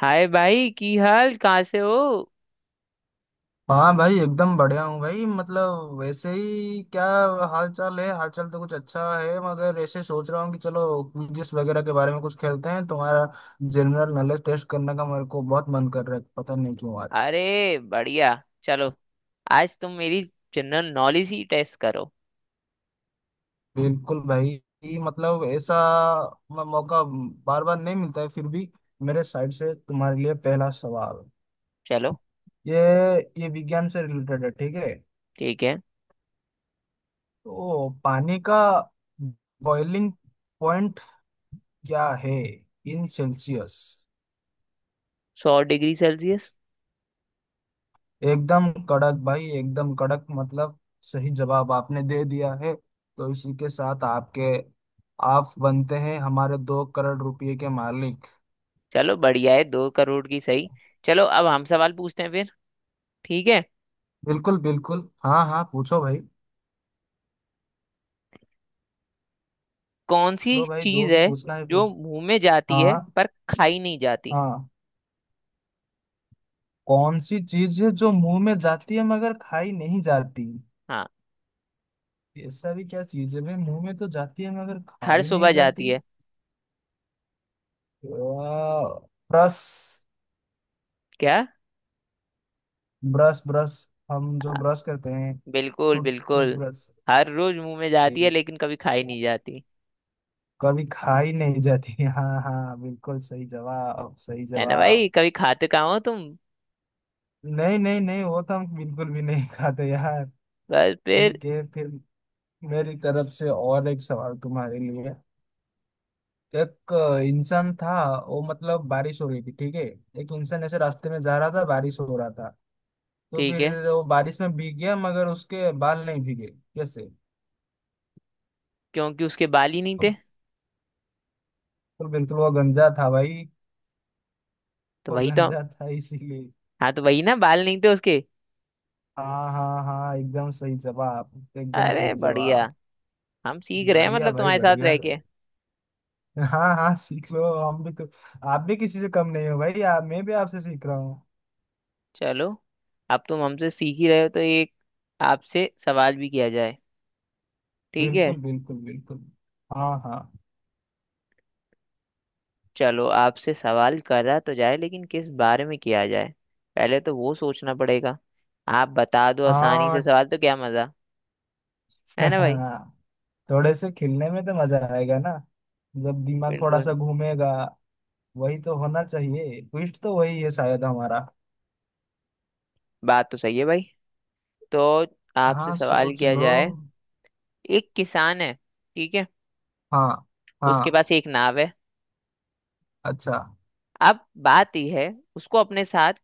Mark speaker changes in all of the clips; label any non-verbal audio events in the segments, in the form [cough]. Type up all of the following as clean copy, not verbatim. Speaker 1: हाय भाई की हाल कहाँ से हो।
Speaker 2: हाँ भाई एकदम बढ़िया हूँ भाई मतलब वैसे ही क्या हाल चाल है। हाल चाल तो कुछ अच्छा है मगर ऐसे सोच रहा हूँ कि चलो क्विज़ वगैरह के बारे में कुछ खेलते हैं। तुम्हारा जनरल नॉलेज टेस्ट करने का मेरे को बहुत मन कर रहा है, पता नहीं क्यों आज।
Speaker 1: अरे बढ़िया। चलो आज तुम मेरी जनरल नॉलेज ही टेस्ट करो।
Speaker 2: बिल्कुल भाई, मतलब ऐसा मौका बार बार नहीं मिलता है फिर भी। मेरे साइड से तुम्हारे लिए पहला सवाल।
Speaker 1: चलो।
Speaker 2: ये ये विज्ञान से रिलेटेड है, ठीक है।
Speaker 1: ठीक है।
Speaker 2: तो पानी का बॉइलिंग पॉइंट क्या है इन सेल्सियस?
Speaker 1: 100 degree celsius.
Speaker 2: एकदम कड़क भाई, एकदम कड़क, मतलब सही जवाब आपने दे दिया है। तो इसी के साथ आपके आप बनते हैं हमारे 2 करोड़ रुपए के मालिक।
Speaker 1: चलो बढ़िया है, 2 करोड़ की सही। चलो अब हम सवाल पूछते हैं फिर। ठीक है।
Speaker 2: बिल्कुल बिल्कुल, हाँ हाँ, पूछो भाई।
Speaker 1: कौन सी
Speaker 2: लो भाई, जो
Speaker 1: चीज
Speaker 2: भी
Speaker 1: है
Speaker 2: पूछना है
Speaker 1: जो
Speaker 2: पूछो।
Speaker 1: मुंह में जाती है
Speaker 2: हाँ
Speaker 1: पर खाई नहीं जाती?
Speaker 2: हाँ। कौन सी चीज है जो मुंह में जाती है मगर खाई नहीं जाती?
Speaker 1: हाँ,
Speaker 2: ऐसा भी क्या चीज है भाई, मुंह में तो जाती है मगर
Speaker 1: हर
Speaker 2: खाई नहीं
Speaker 1: सुबह जाती
Speaker 2: जाती?
Speaker 1: है।
Speaker 2: आ, रस?
Speaker 1: क्या?
Speaker 2: Brush brush. हम
Speaker 1: आ,
Speaker 2: जो ब्रश करते हैं।
Speaker 1: बिल्कुल बिल्कुल।
Speaker 2: टूथब्रश।
Speaker 1: हर रोज मुंह में जाती है लेकिन कभी खाई नहीं जाती।
Speaker 2: कभी खाई नहीं जाती। [laughs] हाँ हाँ, बिल्कुल सही जवाब, सही
Speaker 1: है ना
Speaker 2: जवाब।
Speaker 1: भाई, कभी खाते कहाँ हो तुम।
Speaker 2: नहीं नहीं नहीं, वो तो हम बिल्कुल भी नहीं खाते यार।
Speaker 1: बस फिर।
Speaker 2: ठीक है, फिर मेरी तरफ से और एक सवाल तुम्हारे लिए। एक इंसान था, वो, मतलब बारिश हो रही थी, ठीक है। एक इंसान ऐसे रास्ते में जा रहा था, बारिश हो रहा था, तो
Speaker 1: ठीक
Speaker 2: फिर
Speaker 1: है।
Speaker 2: वो बारिश में भीग गया मगर उसके बाल नहीं भीगे। कैसे?
Speaker 1: क्योंकि उसके बाल ही नहीं थे।
Speaker 2: अब तो बिल्कुल, वो गंजा था भाई।
Speaker 1: तो
Speaker 2: वो
Speaker 1: वही तो।
Speaker 2: गंजा था इसीलिए।
Speaker 1: हाँ तो वही ना, बाल नहीं थे उसके।
Speaker 2: हाँ हाँ हाँ, एकदम सही जवाब, एकदम
Speaker 1: अरे
Speaker 2: सही
Speaker 1: बढ़िया।
Speaker 2: जवाब।
Speaker 1: हम सीख रहे हैं
Speaker 2: बढ़िया
Speaker 1: मतलब
Speaker 2: भाई,
Speaker 1: तुम्हारे साथ
Speaker 2: बढ़िया।
Speaker 1: रह के।
Speaker 2: हाँ हाँ, सीख लो, हम भी तो आप भी किसी से कम नहीं हो भाई, आप, मैं भी आपसे सीख रहा हूँ।
Speaker 1: चलो अब तुम हमसे सीख ही रहे हो तो एक आपसे सवाल भी किया जाए। ठीक है।
Speaker 2: बिल्कुल बिल्कुल बिल्कुल, हाँ हाँ
Speaker 1: चलो आपसे सवाल करा तो जाए, लेकिन किस बारे में किया जाए, पहले तो वो सोचना पड़ेगा। आप बता दो आसानी से
Speaker 2: हाँ।
Speaker 1: सवाल तो क्या मजा। है ना भाई।
Speaker 2: [laughs] थोड़े से खेलने में तो मजा आएगा ना, जब दिमाग थोड़ा सा
Speaker 1: बिल्कुल।
Speaker 2: घूमेगा। वही तो होना चाहिए, ट्विस्ट तो वही है शायद हमारा।
Speaker 1: बात तो सही है भाई। तो आपसे
Speaker 2: हाँ,
Speaker 1: सवाल
Speaker 2: सोच
Speaker 1: किया
Speaker 2: लो।
Speaker 1: जाए। एक किसान है। ठीक है।
Speaker 2: हाँ
Speaker 1: उसके
Speaker 2: हाँ।
Speaker 1: पास एक नाव है।
Speaker 2: अच्छा,
Speaker 1: अब बात यह है, उसको अपने साथ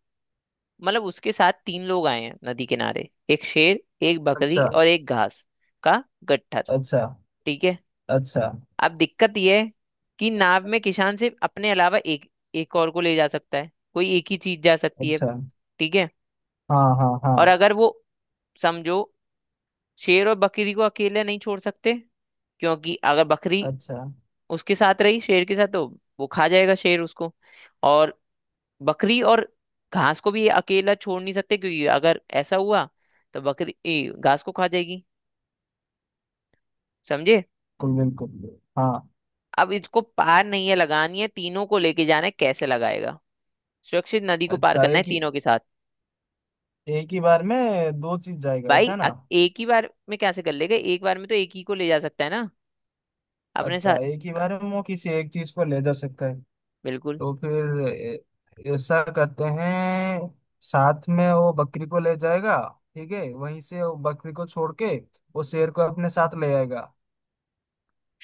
Speaker 1: मतलब उसके साथ तीन लोग आए हैं नदी किनारे, एक शेर एक बकरी
Speaker 2: अच्छा,
Speaker 1: और एक घास का गट्ठर।
Speaker 2: अच्छा,
Speaker 1: ठीक है।
Speaker 2: अच्छा,
Speaker 1: अब दिक्कत यह है कि नाव में किसान सिर्फ अपने अलावा एक एक और को ले जा सकता है, कोई एक ही चीज जा सकती है।
Speaker 2: अच्छा।
Speaker 1: ठीक है।
Speaker 2: हाँ हाँ
Speaker 1: और
Speaker 2: हाँ।
Speaker 1: अगर वो समझो, शेर और बकरी को अकेले नहीं छोड़ सकते क्योंकि अगर बकरी
Speaker 2: अच्छा।
Speaker 1: उसके साथ रही शेर के साथ तो वो खा जाएगा शेर उसको। और बकरी और घास को भी अकेला छोड़ नहीं सकते क्योंकि अगर ऐसा हुआ तो बकरी घास को खा जाएगी। समझे?
Speaker 2: बिल्कुल बिल्कुल, हाँ।
Speaker 1: अब इसको पार नहीं है लगानी है तीनों को लेके जाना है, कैसे लगाएगा। सुरक्षित नदी को पार
Speaker 2: अच्छा,
Speaker 1: करना है
Speaker 2: एक ही,
Speaker 1: तीनों के साथ।
Speaker 2: एक ही बार में दो चीज जाएगा,
Speaker 1: भाई
Speaker 2: ऐसा
Speaker 1: अ-
Speaker 2: ना?
Speaker 1: एक ही बार में कैसे कर लेगा, एक बार में तो एक ही को ले जा सकता है ना अपने साथ।
Speaker 2: अच्छा, एक ही
Speaker 1: अ,
Speaker 2: बार में वो किसी एक चीज को ले जा सकता है।
Speaker 1: बिल्कुल।
Speaker 2: तो फिर ऐसा करते हैं, साथ में वो बकरी को ले जाएगा। ठीक है, वहीं से वो बकरी को छोड़ के वो शेर को अपने साथ ले आएगा।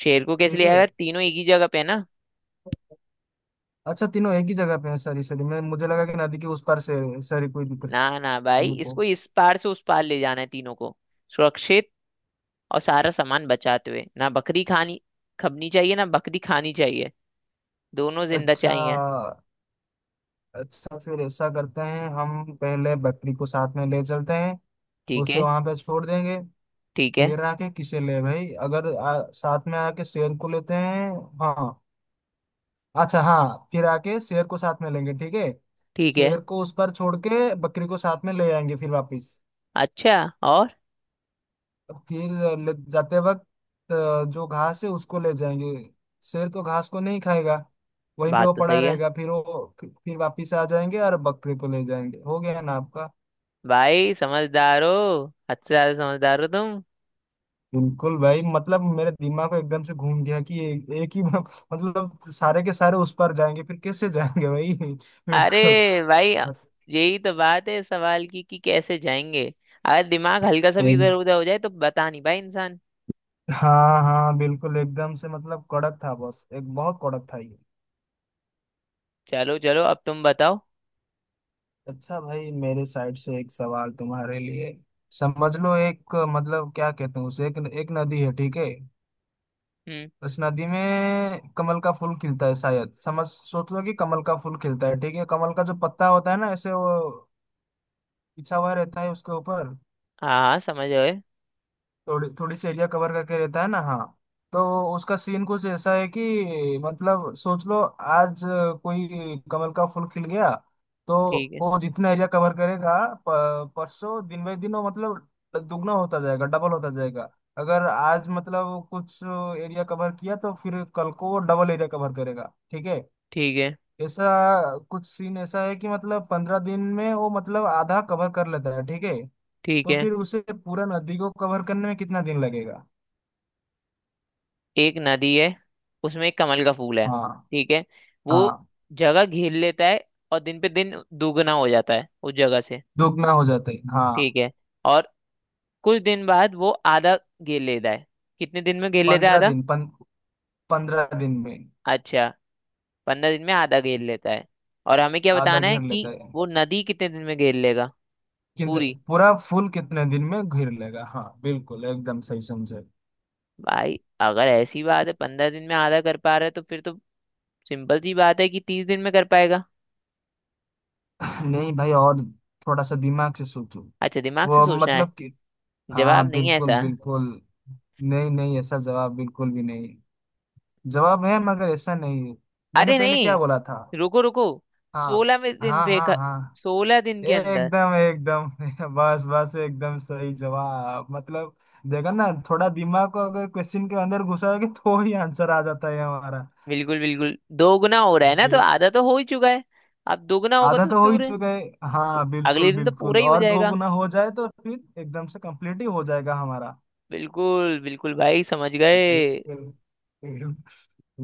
Speaker 1: शेर को कैसे
Speaker 2: ठीक
Speaker 1: ले
Speaker 2: है।
Speaker 1: आएगा, तीनों एक ही जगह पे है ना।
Speaker 2: अच्छा, तीनों एक ही जगह पे हैं, सॉरी सॉरी, मैं, मुझे लगा कि नदी के उस पार से, सॉरी, कोई दिक्कत
Speaker 1: ना ना भाई, इसको
Speaker 2: को।
Speaker 1: इस पार से उस पार ले जाना है तीनों को सुरक्षित और सारा सामान बचाते हुए। ना बकरी खानी खबनी चाहिए, ना बकरी खानी चाहिए, दोनों जिंदा
Speaker 2: अच्छा,
Speaker 1: चाहिए।
Speaker 2: अच्छा, फिर ऐसा करते हैं, हम पहले बकरी को साथ में ले चलते हैं।
Speaker 1: ठीक
Speaker 2: उसे
Speaker 1: है।
Speaker 2: वहां पे छोड़ देंगे।
Speaker 1: ठीक है।
Speaker 2: फिर आके किसे ले भाई, अगर साथ में आके शेर को लेते हैं। हाँ। अच्छा, हाँ, फिर आके शेर को साथ में लेंगे, ठीक है।
Speaker 1: ठीक है।
Speaker 2: शेर को उस पर छोड़ के बकरी को साथ में ले आएंगे फिर वापस।
Speaker 1: अच्छा। और
Speaker 2: फिर ले जाते वक्त जो घास है उसको ले जाएंगे। शेर तो घास को नहीं खाएगा। वहीं पे
Speaker 1: बात
Speaker 2: वो
Speaker 1: तो
Speaker 2: पड़ा
Speaker 1: सही है
Speaker 2: रहेगा, फिर वो फिर वापिस आ जाएंगे और बकरी को ले जाएंगे। हो गया ना आपका।
Speaker 1: भाई। समझदार हो, हद से ज्यादा समझदार हो तुम।
Speaker 2: बिल्कुल भाई, मतलब मेरे दिमाग में एकदम से घूम गया कि एक ही मतलब सारे के सारे उस पार जाएंगे, फिर कैसे जाएंगे भाई। [laughs] बिल्कुल
Speaker 1: अरे भाई,
Speaker 2: मत-
Speaker 1: यही तो बात है सवाल की कि कैसे जाएंगे। अगर दिमाग हल्का सा भी
Speaker 2: एक,
Speaker 1: इधर उधर हो जाए तो बता नहीं भाई इंसान।
Speaker 2: हाँ हाँ, बिल्कुल एकदम से, मतलब कड़क था बस, एक बहुत कड़क था ये।
Speaker 1: चलो चलो अब तुम बताओ।
Speaker 2: अच्छा भाई, मेरे साइड से एक सवाल तुम्हारे लिए। समझ लो एक, मतलब क्या कहते हैं उसे, एक एक नदी है, ठीक है।
Speaker 1: हम्म।
Speaker 2: उस नदी में कमल का फूल खिलता है शायद, समझ, सोच लो कि कमल का फूल खिलता है, ठीक है। कमल का जो पत्ता होता है ना, ऐसे वो बिछा हुआ रहता है उसके ऊपर।
Speaker 1: हाँ हाँ समझ गए।
Speaker 2: थोड़ी थोड़ी सी एरिया कवर करके रहता है ना। हाँ। तो उसका सीन कुछ ऐसा है कि मतलब सोच लो, आज कोई कमल का फूल खिल गया, तो
Speaker 1: ठीक है।
Speaker 2: वो जितना एरिया कवर करेगा परसों, दिन बाई दिन वो, मतलब दुगना होता जाएगा, डबल होता जाएगा। अगर आज मतलब कुछ एरिया कवर किया तो फिर कल को वो डबल एरिया कवर करेगा, ठीक है।
Speaker 1: ठीक है।
Speaker 2: ऐसा कुछ सीन ऐसा है कि मतलब 15 दिन में वो, मतलब आधा कवर कर लेता है, ठीक है।
Speaker 1: ठीक
Speaker 2: तो
Speaker 1: है।
Speaker 2: फिर उसे पूरा नदी को कवर करने में कितना दिन लगेगा?
Speaker 1: एक नदी है, उसमें एक कमल का फूल है।
Speaker 2: हाँ
Speaker 1: ठीक है। वो
Speaker 2: हाँ,
Speaker 1: जगह घेर लेता है और दिन पे दिन दुगना हो जाता है उस जगह से।
Speaker 2: दुगना हो जाता है, हाँ।
Speaker 1: ठीक है। और कुछ दिन बाद वो आधा घेर लेता है, कितने दिन में घेर लेता है
Speaker 2: पंद्रह
Speaker 1: आधा?
Speaker 2: दिन पंद्रह दिन में
Speaker 1: अच्छा। 15 दिन में आधा घेर लेता है और हमें क्या
Speaker 2: आधा
Speaker 1: बताना है
Speaker 2: घेर
Speaker 1: कि
Speaker 2: लेता है,
Speaker 1: वो नदी कितने दिन में घेर लेगा
Speaker 2: किंतु
Speaker 1: पूरी।
Speaker 2: पूरा फूल कितने दिन में घेर लेगा? हाँ बिल्कुल, एकदम सही समझे।
Speaker 1: भाई अगर ऐसी बात है 15 दिन में आधा कर पा रहा है तो फिर तो सिंपल सी बात है कि 30 दिन में कर पाएगा।
Speaker 2: नहीं भाई, और थोड़ा सा दिमाग से सोचो।
Speaker 1: अच्छा, दिमाग से
Speaker 2: वो
Speaker 1: सोचना है।
Speaker 2: मतलब कि,
Speaker 1: जवाब
Speaker 2: हाँ
Speaker 1: नहीं है
Speaker 2: बिल्कुल
Speaker 1: ऐसा?
Speaker 2: बिल्कुल। नहीं नहीं, ऐसा जवाब बिल्कुल भी नहीं। जवाब है मगर ऐसा नहीं है। मैंने
Speaker 1: अरे
Speaker 2: पहले क्या बोला
Speaker 1: नहीं,
Speaker 2: था?
Speaker 1: रुको रुको।
Speaker 2: हाँ
Speaker 1: सोलह में दिन
Speaker 2: हाँ
Speaker 1: पे
Speaker 2: हाँ
Speaker 1: कर,
Speaker 2: हाँ,
Speaker 1: 16 दिन के अंदर।
Speaker 2: एकदम एकदम। [laughs] बस बस, एकदम सही जवाब, मतलब देखा ना, थोड़ा दिमाग को अगर क्वेश्चन के अंदर घुसाओगे तो ही आंसर आ जाता है हमारा।
Speaker 1: बिल्कुल बिल्कुल, दोगुना हो रहा है ना, तो
Speaker 2: बे-
Speaker 1: आधा तो हो ही चुका है। अब दोगुना होगा
Speaker 2: आधा
Speaker 1: तो
Speaker 2: तो हो ही
Speaker 1: पूरे
Speaker 2: चुका है। हाँ बिल्कुल
Speaker 1: अगले दिन तो पूरा
Speaker 2: बिल्कुल,
Speaker 1: ही हो
Speaker 2: और दो
Speaker 1: जाएगा।
Speaker 2: गुना हो जाए तो फिर एकदम से कंप्लीट ही हो जाएगा हमारा।
Speaker 1: बिल्कुल बिल्कुल भाई, समझ गए।
Speaker 2: बिल्कुल।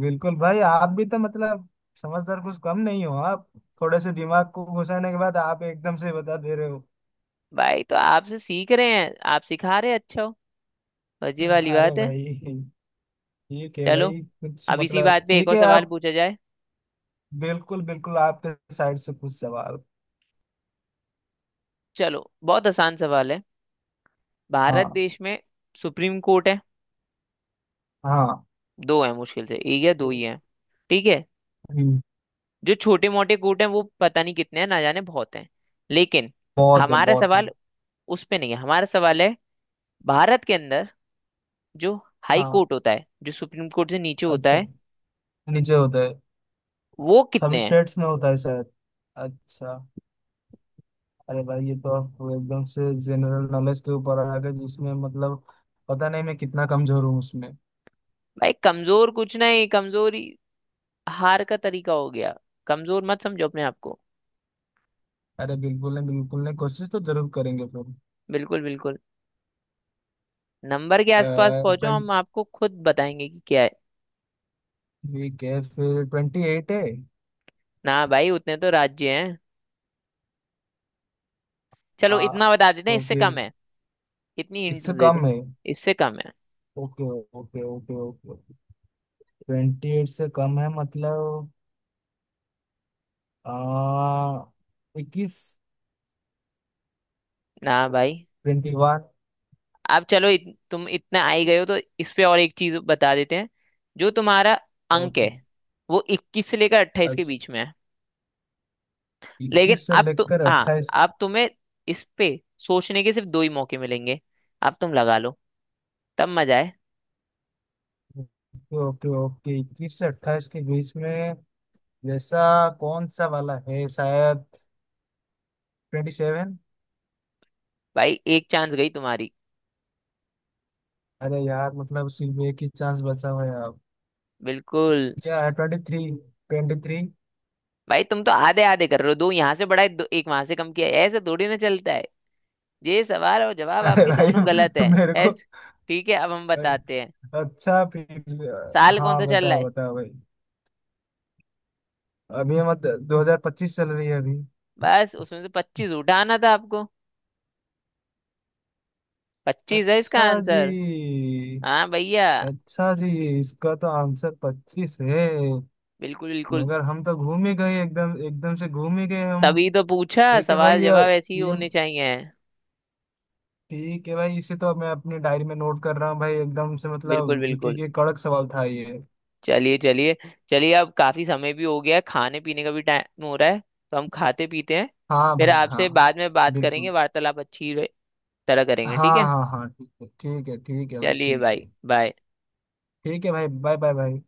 Speaker 2: बिल्कुल भाई, आप भी तो मतलब समझदार कुछ कम नहीं हो आप। थोड़े से दिमाग को घुसाने के बाद आप एकदम से बता दे रहे हो।
Speaker 1: भाई तो आपसे सीख रहे हैं, आप सिखा रहे हैं अच्छा हो। बस
Speaker 2: [laughs]
Speaker 1: ये वाली
Speaker 2: अरे
Speaker 1: बात है।
Speaker 2: भाई, ठीक है
Speaker 1: चलो
Speaker 2: भाई, कुछ
Speaker 1: अब इसी
Speaker 2: मतलब,
Speaker 1: बात पे एक
Speaker 2: ठीक
Speaker 1: और
Speaker 2: है
Speaker 1: सवाल
Speaker 2: आप।
Speaker 1: पूछा जाए।
Speaker 2: बिल्कुल बिल्कुल, आपके साइड से कुछ सवाल।
Speaker 1: चलो बहुत आसान सवाल है। भारत
Speaker 2: हाँ
Speaker 1: देश में सुप्रीम कोर्ट है,
Speaker 2: हाँ।
Speaker 1: दो है मुश्किल से, एक या दो ही है। ठीक है।
Speaker 2: हम्म,
Speaker 1: जो छोटे मोटे कूट हैं वो पता नहीं कितने हैं, ना जाने बहुत हैं। लेकिन
Speaker 2: बहुत है,
Speaker 1: हमारा
Speaker 2: बहुत है।
Speaker 1: सवाल उस पे नहीं है। हमारा सवाल है भारत के अंदर जो हाई
Speaker 2: हाँ,
Speaker 1: कोर्ट होता है, जो सुप्रीम कोर्ट से नीचे होता
Speaker 2: अच्छा,
Speaker 1: है,
Speaker 2: नीचे होता है,
Speaker 1: वो
Speaker 2: सब
Speaker 1: कितने हैं।
Speaker 2: स्टेट्स में होता है शायद। अच्छा, अरे भाई, ये तो आप एकदम से जनरल नॉलेज के ऊपर आ गए, जिसमें मतलब पता नहीं मैं कितना कमजोर हूँ उसमें।
Speaker 1: भाई कमजोर कुछ नहीं, कमजोरी हार का तरीका हो गया। कमजोर मत समझो अपने आप को।
Speaker 2: अरे बिल्कुल नहीं, बिल्कुल नहीं, कोशिश तो जरूर करेंगे फिर।
Speaker 1: बिल्कुल बिल्कुल। नंबर के आसपास पहुंचो,
Speaker 2: 20।
Speaker 1: हम आपको खुद बताएंगे कि क्या है।
Speaker 2: ठीक है, फिर 28 है।
Speaker 1: ना भाई, उतने तो राज्य हैं। चलो
Speaker 2: हाँ,
Speaker 1: इतना बता देते हैं,
Speaker 2: तो
Speaker 1: इससे
Speaker 2: फिर?
Speaker 1: कम है। इतनी हिंट
Speaker 2: इससे
Speaker 1: दे
Speaker 2: कम
Speaker 1: दें,
Speaker 2: है।
Speaker 1: इससे कम है।
Speaker 2: Okay okay okay, okay, twenty eight से कम है मतलब आ, 21,
Speaker 1: ना भाई।
Speaker 2: 21।
Speaker 1: अब चलो तुम इतना आ ही गए हो तो इस पे और एक चीज बता देते हैं, जो तुम्हारा अंक
Speaker 2: ओके,
Speaker 1: है वो 21 से लेकर 28 के
Speaker 2: अच्छा,
Speaker 1: बीच में है। लेकिन
Speaker 2: 21 से
Speaker 1: अब तो
Speaker 2: लेकर
Speaker 1: हाँ,
Speaker 2: 28।
Speaker 1: अब तुम्हें इस पे सोचने के सिर्फ दो ही मौके मिलेंगे। अब तुम लगा लो, तब मजा है।
Speaker 2: ओके ओके ओके, 21 से 28 के बीच में, जैसा कौन सा वाला है शायद, 27।
Speaker 1: भाई एक चांस गई तुम्हारी।
Speaker 2: अरे यार, मतलब सिर्फ एक ही चांस बचा हुआ है अब।
Speaker 1: बिल्कुल।
Speaker 2: क्या है? 23, 23।
Speaker 1: भाई तुम तो आधे आधे कर रहे हो, दो यहाँ से बढ़ाए दो एक वहां से कम किया है। ऐसे थोड़ी ना चलता है। ये सवाल और जवाब
Speaker 2: अरे
Speaker 1: आपके दोनों गलत
Speaker 2: भाई,
Speaker 1: है।
Speaker 2: मेरे को।
Speaker 1: ऐस ठीक है, अब हम बताते हैं।
Speaker 2: अच्छा, फिर
Speaker 1: साल कौन
Speaker 2: हाँ,
Speaker 1: सा चल रहा
Speaker 2: बताओ
Speaker 1: है?
Speaker 2: बताओ भाई, अभी मत, 2025 चल रही है अभी।
Speaker 1: बस उसमें से 25 उठाना था आपको, 25 है इसका
Speaker 2: अच्छा जी,
Speaker 1: आंसर। हाँ भैया।
Speaker 2: अच्छा जी, इसका तो आंसर 25 है,
Speaker 1: बिल्कुल बिल्कुल।
Speaker 2: मगर हम तो घूम ही गए, एकदम एकदम से घूम ही गए हम।
Speaker 1: तभी तो पूछा,
Speaker 2: ठीक है भाई,
Speaker 1: सवाल
Speaker 2: ये
Speaker 1: जवाब ऐसे ही
Speaker 2: ये
Speaker 1: होने चाहिए।
Speaker 2: ठीक है भाई, इसे तो मैं अपनी डायरी में नोट कर रहा हूँ भाई, एकदम से
Speaker 1: बिल्कुल
Speaker 2: मतलब जीके
Speaker 1: बिल्कुल।
Speaker 2: के कड़क सवाल था ये।
Speaker 1: चलिए चलिए। चलिए अब काफी समय भी हो गया है, खाने पीने का भी टाइम हो रहा है। तो हम खाते पीते हैं।
Speaker 2: हाँ
Speaker 1: फिर
Speaker 2: भाई, हाँ,
Speaker 1: आपसे बाद में बात करेंगे,
Speaker 2: बिल्कुल,
Speaker 1: वार्तालाप अच्छी तरह करेंगे। ठीक
Speaker 2: हाँ
Speaker 1: है।
Speaker 2: हाँ हाँ, ठीक है ठीक है ठीक है भाई,
Speaker 1: चलिए
Speaker 2: ठीक है।
Speaker 1: भाई, बाय।
Speaker 2: ठीक है भाई, बाय, बाय भाई।